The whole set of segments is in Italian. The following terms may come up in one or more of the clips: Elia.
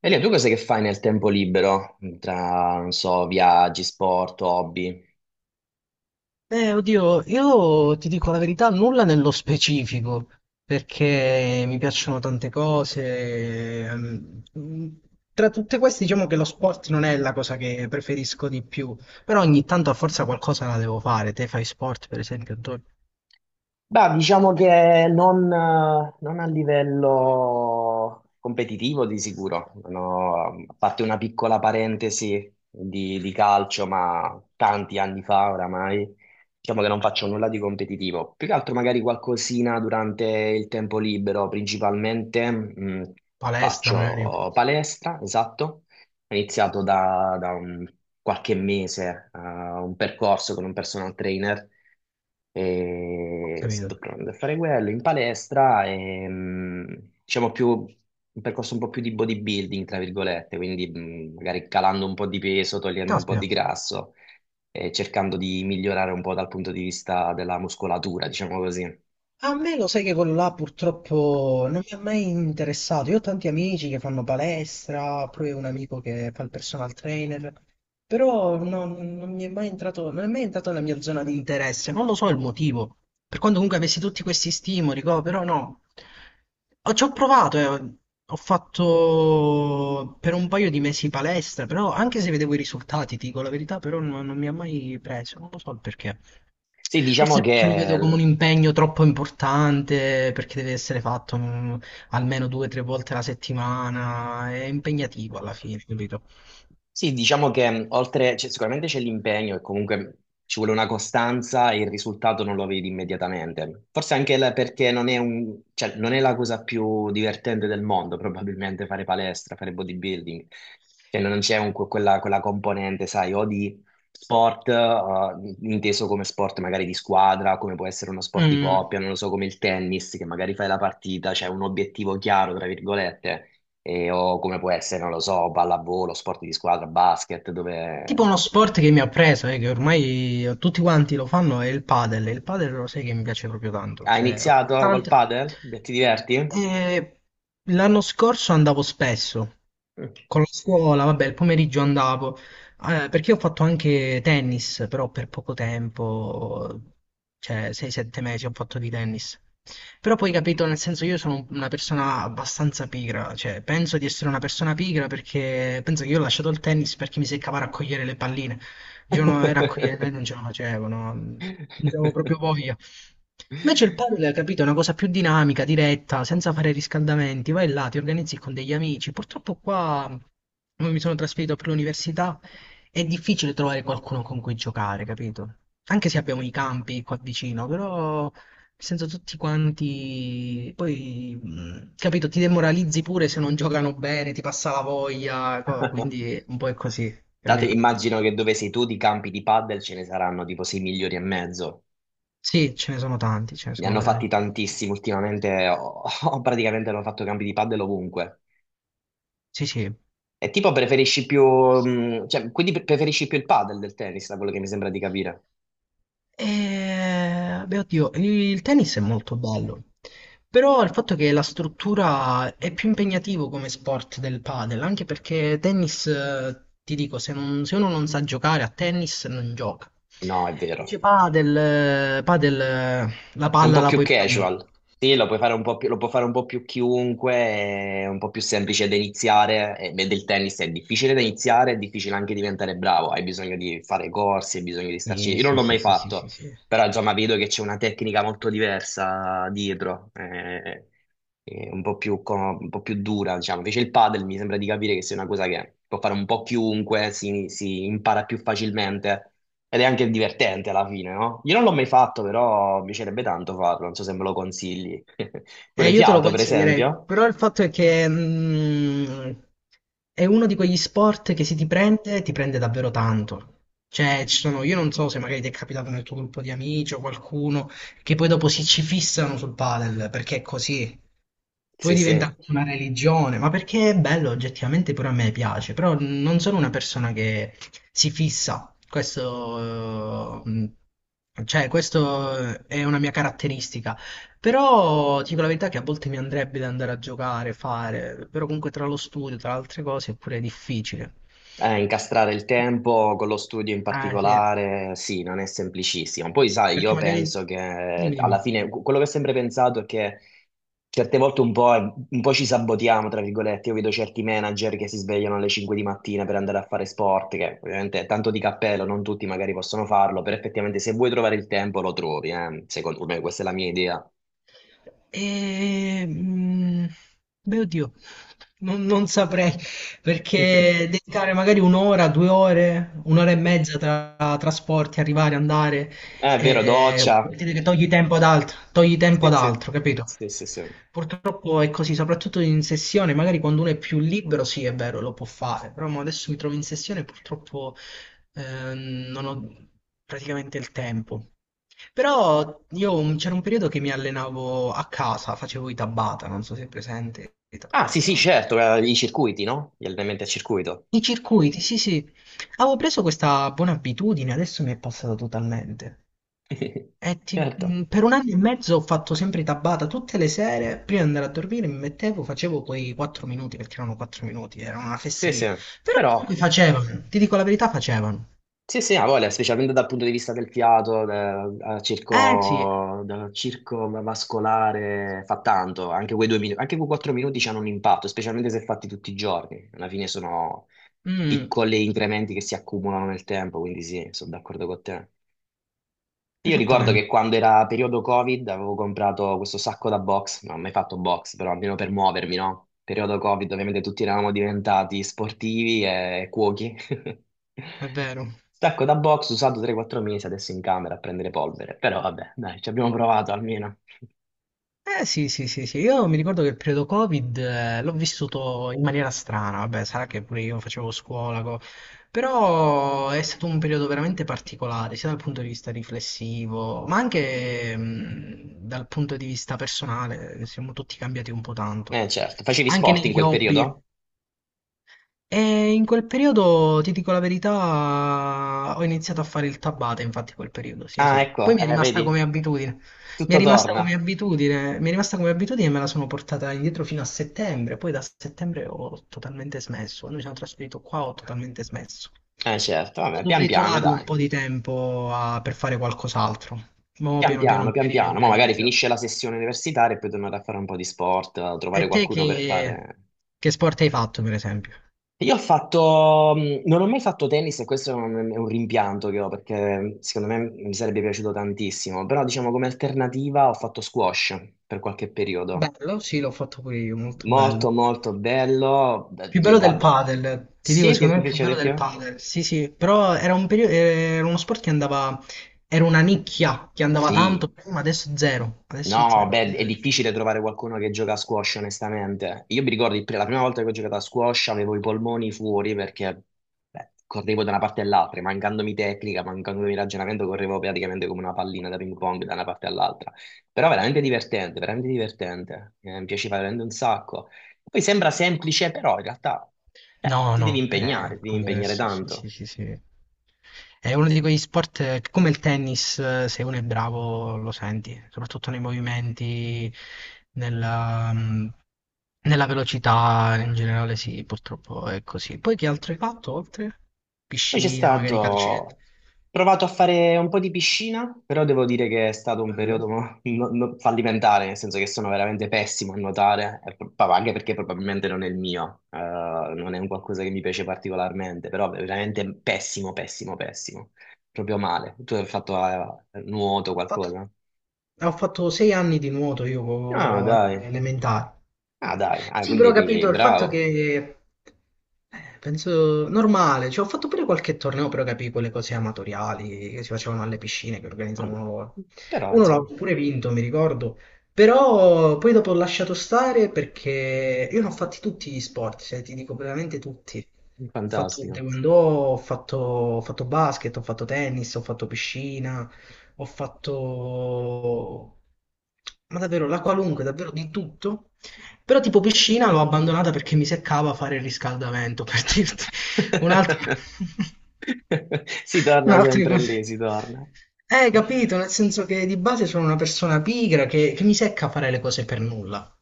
Elia, tu cos'è che fai nel tempo libero? Tra, non so, viaggi, sport, hobby? Beh, oddio, io ti dico la verità, nulla nello specifico, perché mi piacciono tante cose. Tra tutte queste, diciamo che lo sport non è la cosa che preferisco di più, però ogni tanto a forza qualcosa la devo fare. Te fai sport, per esempio, tu? Beh, diciamo che non a livello competitivo di sicuro. Non ho- A parte una piccola parentesi di calcio, ma tanti anni fa oramai, diciamo che non faccio nulla di competitivo, più che altro magari qualcosina durante il tempo libero, principalmente Palestra magari, faccio palestra, esatto. Ho iniziato qualche mese un percorso con un personal trainer e capito? sto provando a fare quello in palestra e diciamo più un percorso un po' più di bodybuilding, tra virgolette, quindi magari calando un po' di peso, togliendo un po' Caspita. di grasso e cercando di migliorare un po' dal punto di vista della muscolatura, diciamo così. A me lo sai che quello là purtroppo non mi ha mai interessato. Io ho tanti amici che fanno palestra, pure un amico che fa il personal trainer, però non mi è mai entrato, non è mai entrato nella mia zona di interesse. Non lo so il motivo. Per quanto comunque avessi tutti questi stimoli, però no. Ci ho provato, eh. Ho fatto per un paio di mesi palestra, però anche se vedevo i risultati, ti dico la verità, però non mi ha mai preso. Non lo so il perché. Sì, diciamo Forse perché lo che vedo come un l-. impegno troppo importante, perché deve essere fatto, almeno due o tre volte alla settimana, è impegnativo alla fine, capito? Sì, diciamo che oltre, cioè, sicuramente c'è l'impegno e comunque ci vuole una costanza e il risultato non lo vedi immediatamente. Forse anche perché non è cioè, non è la cosa più divertente del mondo, probabilmente fare palestra, fare bodybuilding. Cioè, non c'è quella componente, sai, o di sport, inteso come sport magari di squadra, come può essere uno sport di Mm. coppia, non lo so, come il tennis, che magari fai la partita, c'è un obiettivo chiaro, tra virgolette o come può essere, non lo so, pallavolo, sport di squadra, basket, Tipo uno dove. sport che mi ha preso, che ormai tutti quanti lo fanno, è il padel. Il padel lo sai che mi piace proprio tanto, Hai cioè, ho iniziato col tante... padel? Beh, ti diverti? E l'anno scorso andavo spesso Mm. con la scuola, vabbè, il pomeriggio andavo. Perché ho fatto anche tennis, però per poco tempo, cioè 6-7 mesi ho fatto di tennis. Però poi capito, nel senso io sono una persona abbastanza pigra, cioè penso di essere una persona pigra perché penso che io ho lasciato il tennis perché mi seccava a raccogliere le palline. Il giorno era a raccogliere, e non ce la facevo, no? Non avevo proprio voglia. Invece il padel, capito, è una cosa più dinamica, diretta, senza fare riscaldamenti, vai là, ti organizzi con degli amici. Purtroppo qua, come mi sono trasferito per l'università, è difficile trovare qualcuno con cui giocare, capito? Anche se abbiamo i campi qua vicino, però nel senso tutti quanti, poi, capito, ti demoralizzi pure se non giocano bene, ti passa la voglia, quindi un po' è così, Tanto capito? immagino che dove sei tu di campi di padel ce ne saranno tipo 6 milioni e mezzo. Sì, ce ne sono tanti, ce ne Ne sono hanno fatti veramente tanti. tantissimi ultimamente, ho praticamente hanno fatto campi di padel ovunque. Sì, sì. E tipo preferisci più, cioè, quindi preferisci più il padel del tennis, da quello che mi sembra di capire. Beh, oddio, il tennis è molto bello, però il fatto che la struttura è più impegnativo come sport del padel, anche perché tennis, ti dico, se, se uno non sa giocare a tennis non gioca. No, è vero. Dice padel, padel, la È un palla po' la più puoi prendere. casual. Sì, lo puoi fare un po' più, lo può fare un po' più chiunque, è un po' più semplice da iniziare. E beh, del tennis è difficile da iniziare, è difficile anche diventare bravo. Hai bisogno di fare corsi, hai bisogno di starci. Sì, Io non sì, l'ho sì, mai sì, sì, fatto, sì, sì. però insomma vedo che c'è una tecnica molto diversa dietro, un po' più, un po' più dura, diciamo. Invece il padel mi sembra di capire che sia una cosa che può fare un po' chiunque, si impara più facilmente. Ed è anche divertente alla fine, no? Io non l'ho mai fatto, però mi piacerebbe tanto farlo, non so se me lo consigli. Tu l'hai Io te lo fiato, per consiglierei, esempio? però il fatto è che, è uno di quegli sport che se ti prende, ti prende davvero tanto. Cioè, ci sono, io non so se magari ti è capitato nel tuo gruppo di amici o qualcuno che poi dopo si ci fissano sul padel, perché è così. Poi Sì, sì. diventa una religione, ma perché è bello, oggettivamente pure a me piace, però non sono una persona che si fissa. Cioè, questo è una mia caratteristica. Però ti dico la verità che a volte mi andrebbe da andare a giocare, fare, però comunque tra lo studio, tra altre cose, è pure difficile. Incastrare il tempo con lo studio in Ah, sì. particolare, sì, non è semplicissimo. Poi, sai, Perché io magari... penso che Dimmi, alla dimmi. fine quello che ho sempre pensato è che certe volte un po' ci sabotiamo, tra virgolette. Io vedo certi manager che si svegliano alle 5 di mattina per andare a fare sport, che ovviamente è tanto di cappello, non tutti magari possono farlo, però effettivamente se vuoi trovare il tempo lo trovi, eh. Secondo me questa è la mia idea. E... mm, Beh, oddio, non saprei, perché dedicare magari un'ora, 2 ore, un'ora e mezza tra trasporti, arrivare, andare, È vero, vuol doccia. dire che togli tempo ad altro, togli tempo Sì, ad sì. altro, capito? Sì, sì, sì. Purtroppo è così, soprattutto in sessione, magari quando uno è più libero, sì, è vero, lo può fare, però mo adesso mi trovo in sessione e purtroppo, non ho praticamente il tempo. Però io c'era un periodo che mi allenavo a casa, facevo i Tabata, non so se è presente i Ah, sì, sì, Tabata. certo, i circuiti, no? Gli allenamenti a circuito. I circuiti, sì, sì. Avevo preso questa buona abitudine, adesso mi è passata totalmente. E Certo, per un anno e mezzo ho fatto sempre tabata tutte le sere, prima di andare a dormire mi mettevo, facevo quei 4 minuti, perché erano 4 minuti, era una sì, sì, fesseria. Però comunque però facevano, ti dico la verità, facevano. sì, sì, ha voglia, specialmente dal punto di vista del fiato, del, del Eh sì, circo, del circo vascolare, fa tanto, anche quei 2 minuti, anche quei 4 minuti hanno un impatto, specialmente se fatti tutti i giorni, alla fine sono mm, piccoli incrementi che si accumulano nel tempo, quindi sì, sono d'accordo con te. Io ricordo esattamente, che quando era periodo Covid avevo comprato questo sacco da box, non ho mai fatto box, però almeno per muovermi, no? Periodo Covid, ovviamente tutti eravamo diventati sportivi e cuochi. è vero. Sacco da box usato 3-4 mesi adesso in camera a prendere polvere, però vabbè, dai, ci abbiamo provato almeno. Eh sì, sì, sì, sì, io mi ricordo che il periodo Covid, l'ho vissuto in maniera strana, vabbè, sarà che pure io facevo scuola, però è stato un periodo veramente particolare, sia dal punto di vista riflessivo, ma anche, dal punto di vista personale, siamo tutti cambiati un po' tanto. Eh certo, facevi Anche sport in negli quel hobby, periodo? e in quel periodo, ti dico la verità, ho iniziato a fare il tabata, infatti, in quel periodo, sì, Ah, sì. Poi ecco, mi è rimasta come vedi, abitudine. Mi è tutto rimasta come torna. abitudine, mi è rimasta come abitudine e me la sono portata indietro fino a settembre. Poi da settembre ho totalmente smesso. Quando mi sono trasferito qua ho totalmente smesso. Eh certo, vabbè, Però pian dovrei piano, trovarlo un dai. po' di tempo, per fare qualcos'altro. Ma piano piano Pian magari mi piano, ma magari organizzo. finisce la sessione universitaria e poi tornare a fare un po' di sport, a E trovare te qualcuno per fare. che sport hai fatto, per esempio? Io ho fatto, non ho mai fatto tennis e questo è è un rimpianto che ho perché secondo me mi sarebbe piaciuto tantissimo, però diciamo come alternativa ho fatto squash per qualche periodo. Bello, sì, l'ho fatto pure io, molto Molto bello. molto bello. Beh, Più bello del guarda, padel, ti dico, sì, ti, secondo ti me è più piace bello di più? del padel. Sì, sì, però era un periodo, era uno sport che andava, era una nicchia che andava tanto Sì, prima, adesso zero, adesso no, zero. beh, è difficile trovare qualcuno che gioca a squash, onestamente. Io mi ricordo il la prima volta che ho giocato a squash avevo i polmoni fuori perché beh, correvo da una parte all'altra, mancandomi tecnica, mancandomi ragionamento, correvo praticamente come una pallina da ping pong da una parte all'altra. Però veramente divertente, veramente divertente. Mi piaceva veramente un sacco. Poi sembra semplice, però in realtà cioè, No, no, è ti devi impegnare diverso, sì, sì, tanto. sì, sì. È uno di quegli sport, che come il tennis, se uno è bravo lo senti, soprattutto nei movimenti, nella, mm, nella velocità, in generale sì, purtroppo è così. Poi che altro hai fatto oltre? Poi c'è Piscina, stato, magari calcetto. ho provato a fare un po' di piscina, però devo dire che è stato un Bello. periodo fallimentare, nel senso che sono veramente pessimo a nuotare, e anche perché probabilmente non è il mio, non è un qualcosa che mi piace particolarmente, però veramente pessimo, pessimo, pessimo, proprio male. Tu hai fatto nuoto fatto, qualcosa? ho fatto 6 anni di nuoto io, Ah, dai, elementari. ah, dai, ah, Sì, quindi però ho eri capito il fatto bravo. che, penso normale, cioè, ho fatto pure qualche torneo, però capì quelle cose amatoriali che si facevano alle piscine, che Vabbè. organizzavano loro. Però, Uno l'ho insomma, pure vinto, mi ricordo, però poi dopo ho lasciato stare perché io ne ho fatti tutti gli sport, cioè ti dico veramente tutti. Ho fatto fantastico. taekwondo, ho fatto basket, ho fatto tennis, ho fatto piscina, ho fatto... Ma davvero, la qualunque, davvero di tutto. Però tipo piscina l'ho abbandonata perché mi seccava fare il riscaldamento, per dirti. Un'altra... Si torna Un'altra sempre cosa. lì, si torna. Capito, nel senso che di base sono una persona pigra che mi secca fare le cose per nulla.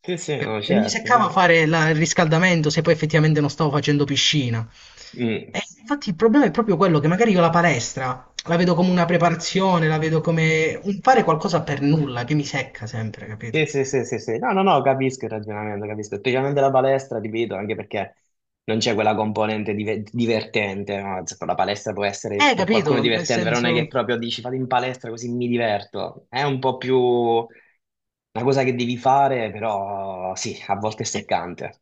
Sì, sì, no, Mi certo, seccava certo. fare il riscaldamento se poi effettivamente non stavo facendo piscina. E Mm. infatti il problema è proprio quello, che magari io la palestra la vedo come una preparazione, la vedo come un fare qualcosa per nulla che mi secca sempre, Sì, capito? sì, sì, sì, sì. No, no, no, capisco il ragionamento, capisco. Specialmente la palestra, ti vedo, anche perché non c'è quella componente divertente. No? Cioè, la palestra può essere Eh, per qualcuno capito, nel divertente, però non è che senso... proprio dici fate in palestra così mi diverto. È un po' più una cosa che devi fare, però sì, a volte è E seccante.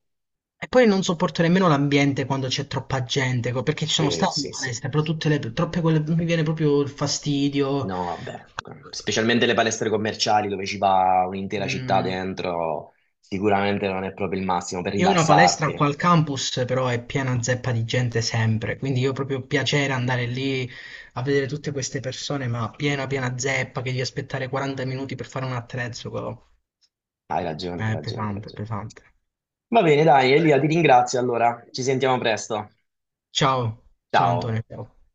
e poi non sopporto nemmeno l'ambiente quando c'è troppa gente, perché ci sono Sì, stato in sì, sì. palestra, però tutte le troppe quelle mi viene proprio il fastidio. No, vabbè, specialmente le palestre commerciali dove ci va un'intera città Mm. dentro, sicuramente non è proprio il massimo per Io ho una palestra qua rilassarti. al campus, però è piena zeppa di gente sempre, quindi io proprio piacere andare lì a vedere tutte queste persone, ma piena piena zeppa che devi aspettare 40 minuti per fare un attrezzo, co. Hai ragione, hai È ragione, hai pesante, ragione. pesante. Va bene, dai, Elia, ti ringrazio allora. Ci sentiamo presto. Ciao, ciao Ciao. Antonio. Ciao.